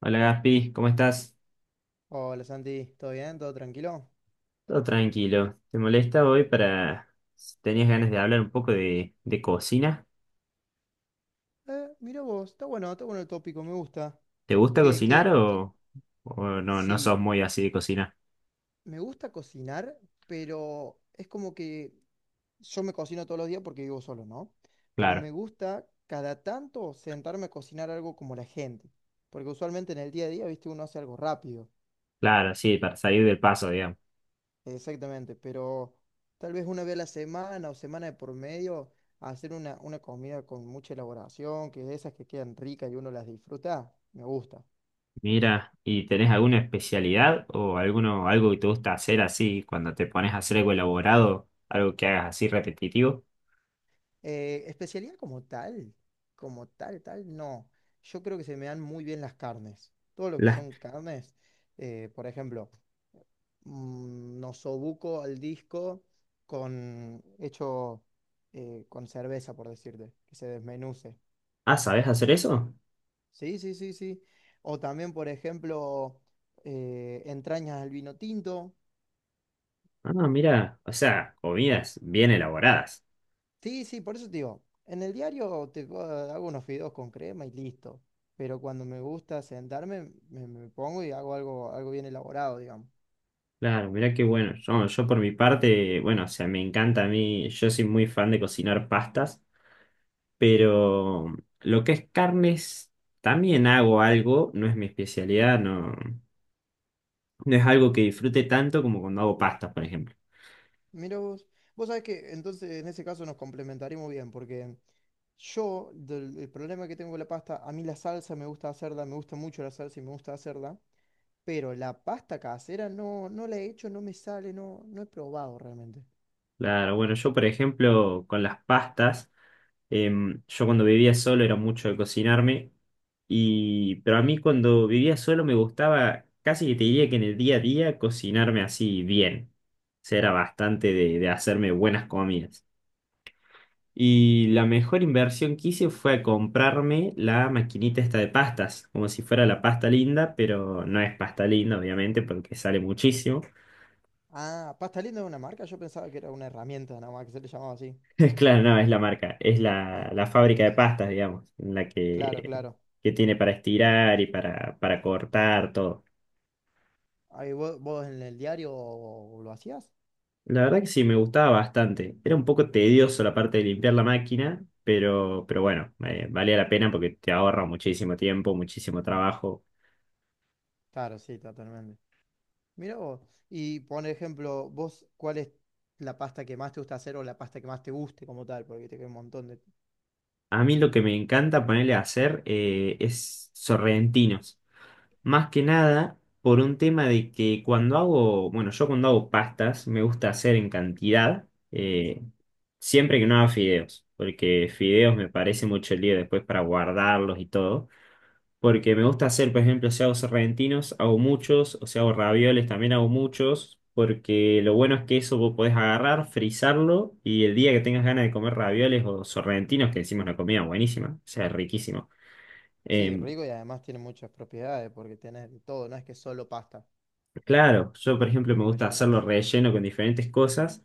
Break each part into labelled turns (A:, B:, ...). A: Hola Gaspi, ¿cómo estás?
B: Hola Santi, ¿todo bien? ¿Todo tranquilo?
A: Todo tranquilo. ¿Te molesta hoy para si tenías ganas de hablar un poco de cocina?
B: Mira vos, está bueno el tópico, me gusta.
A: ¿Te gusta
B: Que,
A: cocinar
B: que, que,
A: o no, no sos
B: sí,
A: muy así de cocina?
B: me gusta cocinar, pero es como que yo me cocino todos los días porque vivo solo, ¿no? Pero
A: Claro,
B: me gusta cada tanto sentarme a cocinar algo como la gente, porque usualmente en el día a día, viste, uno hace algo rápido.
A: claro, sí, para salir del paso, digamos.
B: Exactamente, pero tal vez una vez a la semana o semana de por medio hacer una comida con mucha elaboración, que es de esas que quedan ricas y uno las disfruta, me gusta.
A: Mira, ¿y tenés alguna especialidad o algo que te gusta hacer así cuando te pones a hacer algo elaborado, algo que hagas así repetitivo?
B: Especialidad como tal, no. Yo creo que se me dan muy bien las carnes. Todo lo que
A: Las,
B: son carnes, por ejemplo, nosobuco al disco con hecho con cerveza, por decirte, que se desmenuce.
A: ah, ¿sabés hacer eso?
B: Sí, sí, sí, sí. O también, por ejemplo, entrañas al vino tinto.
A: Ah, mira, o sea, comidas bien elaboradas.
B: Sí, sí, por eso te digo, en el diario hago unos fideos con crema y listo. Pero cuando me gusta sentarme, me pongo y hago algo, algo bien elaborado, digamos.
A: Claro, mirá qué bueno. Yo por mi parte, bueno, o sea, me encanta a mí, yo soy muy fan de cocinar pastas, pero lo que es carnes, también hago algo, no es mi especialidad, no, no es algo que disfrute tanto como cuando hago pastas, por ejemplo.
B: Mira vos, vos sabés que entonces en ese caso nos complementaremos bien, porque yo, el problema que tengo con la pasta, a mí la salsa me gusta hacerla, me gusta mucho la salsa y me gusta hacerla. Pero la pasta casera no, no la he hecho, no me sale, no, no he probado realmente.
A: Claro, bueno, yo por ejemplo con las pastas, yo cuando vivía solo era mucho de cocinarme, pero a mí cuando vivía solo me gustaba, casi que te diría que en el día a día cocinarme así bien. O sea, era bastante de hacerme buenas comidas. Y la mejor inversión que hice fue comprarme la maquinita esta de pastas, como si fuera la pasta linda, pero no es pasta linda obviamente porque sale muchísimo.
B: Ah, pasta linda es una marca, yo pensaba que era una herramienta nada más que se le llamaba así.
A: Claro, no, es la marca, es
B: Ah,
A: la
B: mira
A: fábrica de
B: vos.
A: pastas, digamos,
B: Claro, claro.
A: que tiene para estirar y para cortar todo.
B: Ahí vos, vos en el diario ¿lo hacías?
A: La verdad que sí, me gustaba bastante. Era un poco tedioso la parte de limpiar la máquina, pero bueno, valía la pena porque te ahorra muchísimo tiempo, muchísimo trabajo.
B: Claro, sí, totalmente. Mira vos. Y por ejemplo, vos, ¿cuál es la pasta que más te gusta hacer o la pasta que más te guste como tal? Porque te queda un montón de.
A: A mí lo que me encanta ponerle a hacer es sorrentinos. Más que nada por un tema de que cuando hago, bueno, yo cuando hago pastas me gusta hacer en cantidad, eh, siempre que no haga fideos, porque fideos me parece mucho lío después para guardarlos y todo, porque me gusta hacer, por ejemplo, si hago sorrentinos, hago muchos, o si hago ravioles, también hago muchos, porque lo bueno es que eso vos podés agarrar, frizarlo y el día que tengas ganas de comer ravioles o sorrentinos, que encima es una comida buenísima, o sea, riquísimo
B: Sí,
A: em,
B: rico y además tiene muchas propiedades porque tenés de todo, no es que solo pasta,
A: Claro, yo por ejemplo me
B: lo
A: gusta hacerlo
B: rellenás.
A: relleno con diferentes cosas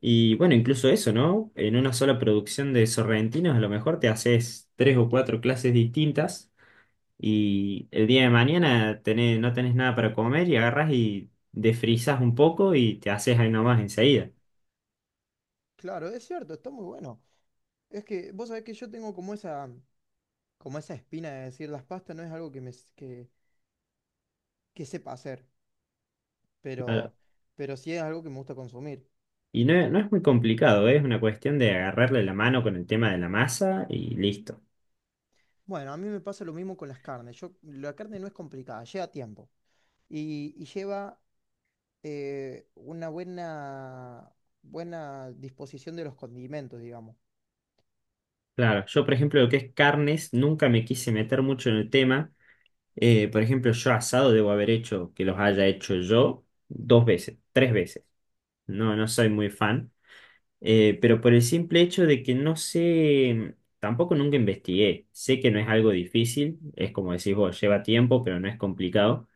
A: y bueno, incluso eso, ¿no? En una sola producción de sorrentinos a lo mejor te haces tres o cuatro clases distintas y el día de mañana no tenés nada para comer y agarras y desfrizas un poco y te haces ahí nomás enseguida.
B: Claro, es cierto, está muy bueno. Es que vos sabés que yo tengo como esa espina de decir las pastas no es algo que que sepa hacer,
A: Claro.
B: pero, pero sí es algo que me gusta consumir.
A: Y no, no es muy complicado, ¿eh? Es una cuestión de agarrarle la mano con el tema de la masa y listo.
B: Bueno, a mí me pasa lo mismo con las carnes. Yo, la carne no es complicada, lleva tiempo y lleva una buena, buena disposición de los condimentos, digamos.
A: Claro, yo por ejemplo lo que es carnes nunca me quise meter mucho en el tema. Por ejemplo, yo asado debo haber hecho, que los haya hecho yo, dos veces, tres veces. No, no soy muy fan, pero por el simple hecho de que no sé, tampoco nunca investigué. Sé que no es algo difícil, es como decís vos, lleva tiempo, pero no es complicado.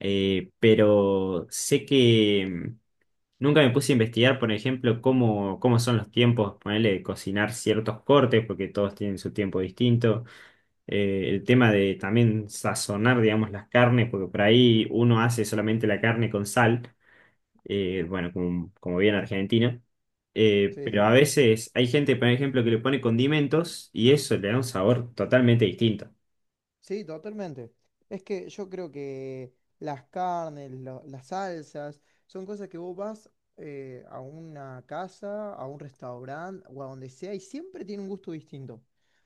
A: Pero sé que nunca me puse a investigar, por ejemplo, cómo son los tiempos, ponerle de cocinar ciertos cortes, porque todos tienen su tiempo distinto. El tema de también sazonar, digamos, las carnes, porque por ahí uno hace solamente la carne con sal, bueno, como bien argentino,
B: Sí,
A: pero a
B: sí.
A: veces hay gente, por ejemplo, que le pone condimentos y eso le da un sabor totalmente distinto,
B: Sí, totalmente. Es que yo creo que las carnes, las salsas, son cosas que vos vas a una casa, a un restaurante o a donde sea y siempre tiene un gusto distinto.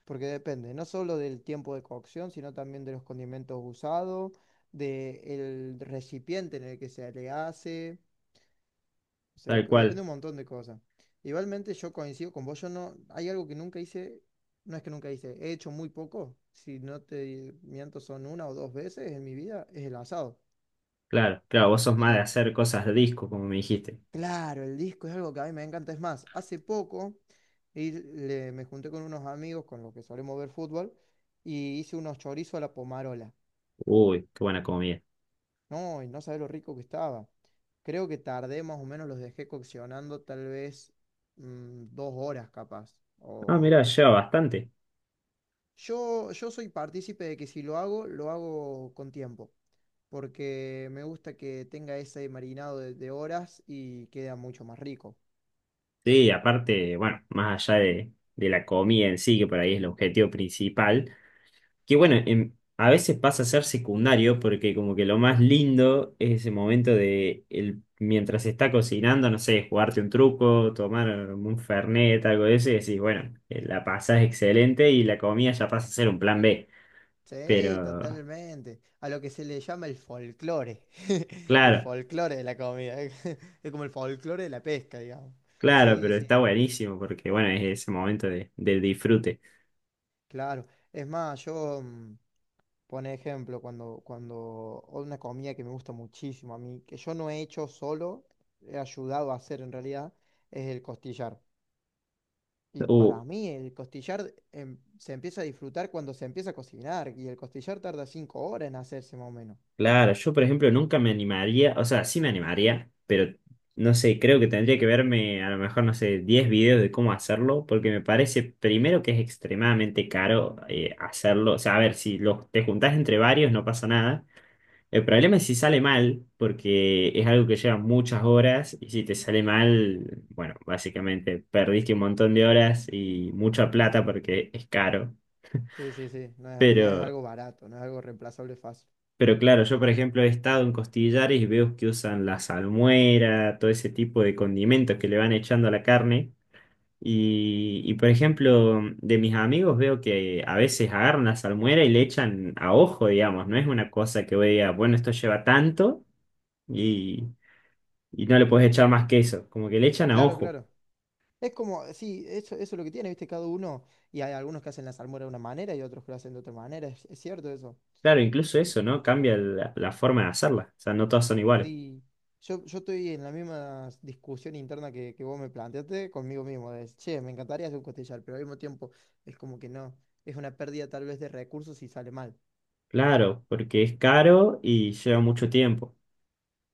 B: Porque depende, no solo del tiempo de cocción, sino también de los condimentos usados, del recipiente en el que se le hace. O sea,
A: tal
B: depende
A: cual,
B: un montón de cosas. Igualmente yo coincido con vos, yo no, hay algo que nunca hice, no es que nunca hice, he hecho muy poco, si no te miento son 1 o 2 veces en mi vida, es el asado.
A: claro, claro, vos sos
B: Y
A: más de hacer cosas de disco, como me dijiste.
B: claro, el disco es algo que a mí me encanta, es más, hace poco me junté con unos amigos con los que solemos ver fútbol y hice unos chorizos a la pomarola.
A: Uy, qué buena comida.
B: No, y no sabés lo rico que estaba. Creo que tardé más o menos, los dejé coccionando tal vez 2 horas capaz,
A: Ah,
B: o.
A: mirá, lleva bastante.
B: Yo soy partícipe de que si lo hago, lo hago con tiempo, porque me gusta que tenga ese marinado de horas y queda mucho más rico.
A: Sí, aparte, bueno, más allá de la comida en sí, que por ahí es el objetivo principal. Que bueno, a veces pasa a ser secundario porque como que lo más lindo es ese momento mientras se está cocinando, no sé, jugarte un truco, tomar un fernet, algo de eso y decís, bueno, la pasás excelente y la comida ya pasa a ser un plan B.
B: Sí,
A: Pero,
B: totalmente. A lo que se le llama el folclore. El
A: claro,
B: folclore de la comida. Es como el folclore de la pesca, digamos.
A: claro,
B: Sí,
A: pero
B: sí.
A: está buenísimo porque bueno, es ese momento del disfrute.
B: Claro, es más, yo, por ejemplo, cuando una comida que me gusta muchísimo a mí, que yo no he hecho solo, he ayudado a hacer en realidad, es el costillar. Y
A: Uh,
B: para mí el costillar se empieza a disfrutar cuando se empieza a cocinar, y el costillar tarda 5 horas en hacerse más o menos.
A: Claro, yo por ejemplo nunca me animaría, o sea, sí me animaría, pero no sé, creo que tendría que verme a lo mejor, no sé, 10 videos de cómo hacerlo, porque me parece primero que es extremadamente caro hacerlo, o sea, a ver, si los, te juntás entre varios no pasa nada. El problema es si sale mal, porque es algo que lleva muchas horas y si te sale mal, bueno, básicamente perdiste un montón de horas y mucha plata porque es caro,
B: Sí, sí, sí, no es, no es
A: pero...
B: algo barato, no es algo reemplazable fácil.
A: pero claro, yo por ejemplo he estado en Costillares y veo que usan la salmuera, todo ese tipo de condimentos que le van echando a la carne. Y, por ejemplo, de mis amigos veo que a veces agarran la salmuera y le echan a ojo, digamos. No es una cosa que vos digas, bueno, esto lleva tanto y, y no le puedes echar más que eso. Como que le echan a
B: Claro,
A: ojo.
B: claro. Es como, sí, eso es lo que tiene, viste, cada uno, y hay algunos que hacen la salmuera de una manera y otros que lo hacen de otra manera, es cierto eso.
A: Claro, incluso eso, ¿no? Cambia la forma de hacerla. O sea, no todas son iguales.
B: Sí, yo estoy en la misma discusión interna que vos me planteaste conmigo mismo, de, che, me encantaría hacer un costillar, pero al mismo tiempo es como que no, es una pérdida tal vez de recursos si sale mal.
A: Claro, porque es caro y lleva mucho tiempo.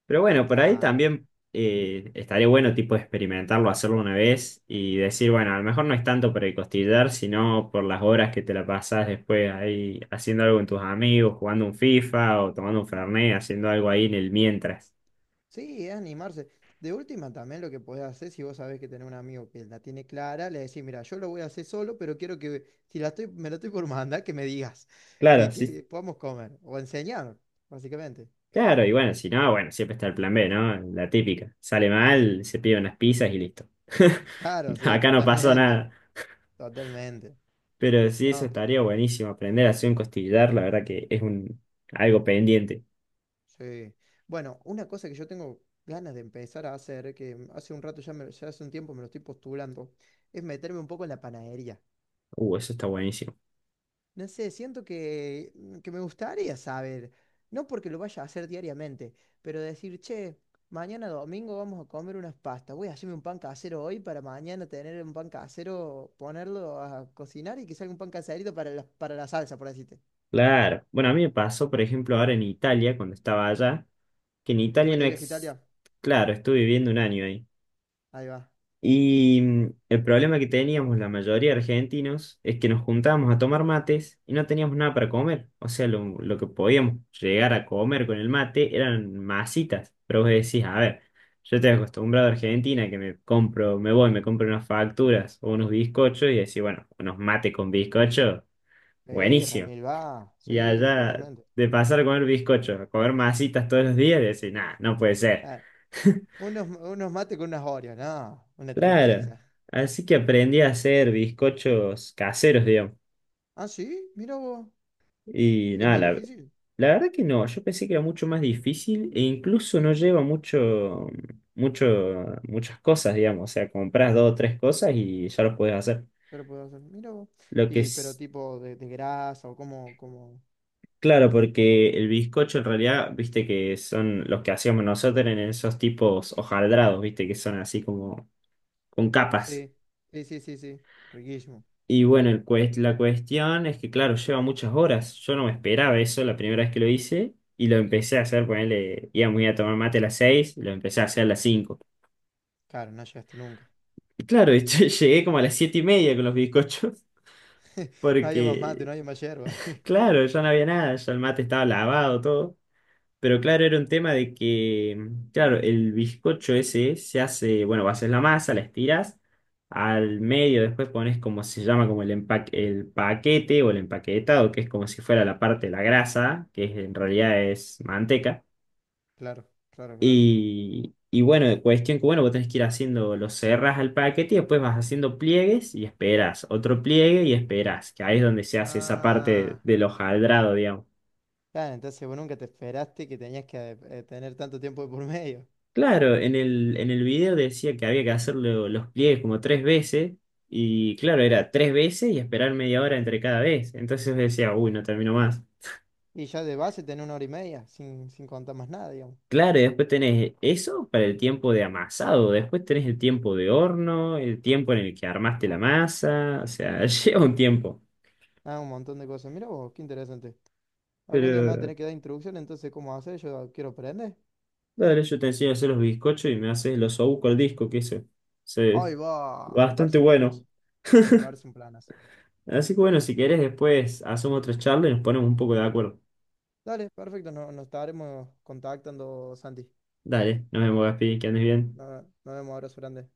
A: Pero bueno, por ahí
B: Claro.
A: también estaría bueno tipo experimentarlo, hacerlo una vez y decir, bueno, a lo mejor no es tanto por el costillar, sino por las horas que te la pasas después ahí haciendo algo con tus amigos, jugando un FIFA o tomando un Fernet, haciendo algo ahí en el mientras.
B: Sí, es animarse. De última también lo que podés hacer si vos sabés que tenés un amigo que la tiene clara, le decís, mira, yo lo voy a hacer solo, pero quiero que, si la estoy, me la estoy por mandar, que me digas,
A: Claro, sí,
B: que podamos comer, o enseñar, básicamente.
A: claro, y bueno, si no, bueno, siempre está el plan B, ¿no? La típica. Sale mal, se pide unas pizzas y listo.
B: Claro, sí,
A: Acá no pasó
B: totalmente,
A: nada.
B: totalmente.
A: Pero sí, eso
B: No,
A: estaría buenísimo. Aprender a hacer un costillar, la verdad que es un algo pendiente.
B: sí. Bueno, una cosa que yo tengo ganas de empezar a hacer, que hace un rato ya, ya hace un tiempo me lo estoy postulando, es meterme un poco en la panadería.
A: Eso está buenísimo.
B: No sé, siento que, que me gustaría saber, no porque lo vaya a hacer diariamente, pero decir, che, mañana domingo vamos a comer unas pastas, voy a hacerme un pan casero hoy para mañana tener un pan casero, ponerlo a cocinar y que salga un pan caserito para la salsa, por decirte.
A: Claro. Bueno, a mí me pasó, por ejemplo, ahora en Italia, cuando estaba allá, que en
B: ¿Te
A: Italia
B: fuiste
A: no
B: de viaje a
A: ex...
B: Italia?
A: Claro, estuve viviendo un año ahí.
B: Ahí va.
A: Y el problema que teníamos la mayoría de argentinos es que nos juntábamos a tomar mates y no teníamos nada para comer. O sea, lo que podíamos llegar a comer con el mate eran masitas. Pero vos decís, a ver, yo estoy acostumbrado a Argentina que me compro, me voy, me compro unas facturas o unos bizcochos y decís, bueno, unos mates con bizcocho,
B: Sí,
A: buenísimo.
B: Remil va,
A: Y
B: sí,
A: allá,
B: totalmente.
A: de pasar a comer bizcochos a comer masitas todos los días, decís, nada, no puede ser.
B: Unos, unos mates con unas Oreos, no, una
A: Claro.
B: tristeza.
A: Así que aprendí a hacer bizcochos caseros, digamos.
B: Ah, sí, mira vos.
A: Y
B: Es
A: nada,
B: muy
A: la,
B: difícil,
A: la verdad que no, yo pensé que era mucho más difícil e incluso no lleva muchas cosas, digamos. O sea, compras dos o tres cosas y ya los puedes hacer.
B: pero puedo hacer, mira vos.
A: Lo que
B: Y, pero
A: es,
B: tipo de grasa o como, como.
A: claro, porque el bizcocho en realidad, viste que son los que hacíamos nosotros en esos tipos hojaldrados, viste que son así como con capas.
B: Sí, sí, sí, sí, sí. Riquísimo.
A: Y bueno, la cuestión es que, claro, lleva muchas horas. Yo no me esperaba eso la primera vez que lo hice y lo empecé a hacer, ponele, iba muy a tomar mate a las 6, lo empecé a hacer a las 5.
B: Claro, no llegaste nunca.
A: Y claro, yo llegué como a las 7:30 con los bizcochos
B: No había más mate,
A: porque,
B: no había más yerba.
A: claro, ya no había nada, ya el mate estaba lavado, todo. Pero claro, era un tema de que, claro, el bizcocho ese se hace, bueno, haces la masa, la estiras, al medio después pones como se llama, como el empaque, el paquete o el empaquetado, que es como si fuera la parte de la grasa, en realidad es manteca.
B: Claro, claro, claro.
A: Y bueno, cuestión que, bueno, vos tenés que ir haciendo, lo cerras al paquete y después vas haciendo pliegues y esperas, otro pliegue y esperas, que ahí es donde se hace esa parte
B: Ah,
A: del hojaldrado, digamos.
B: claro, entonces vos nunca te esperaste que tenías que tener tanto tiempo de por medio.
A: Claro, en el video decía que había que hacerlo los pliegues como tres veces, y claro, era tres veces y esperar media hora entre cada vez. Entonces decía, uy, no termino más.
B: Y ya de base tenés 1 hora y media, sin, sin contar más nada, digamos.
A: Claro, y después tenés eso para el tiempo de amasado, después tenés el tiempo de horno, el tiempo en el que armaste la masa, o sea, lleva un tiempo.
B: Ah, un montón de cosas. Mira vos, qué interesante. Algún día me va a
A: Pero,
B: tener que dar instrucción entonces, ¿cómo hacer? Yo quiero aprender.
A: dale, yo te enseño a hacer los bizcochos y me haces los osobuco al disco, que eso es
B: Ay, va, me parece
A: bastante
B: un planazo.
A: bueno.
B: Me parece un planazo.
A: Así que bueno, si querés después hacemos otra charla y nos ponemos un poco de acuerdo.
B: Dale, perfecto, nos estaremos contactando, Santi.
A: Dale, nos vemos, Gaspi, que andes bien.
B: Nos vemos, abrazo grande.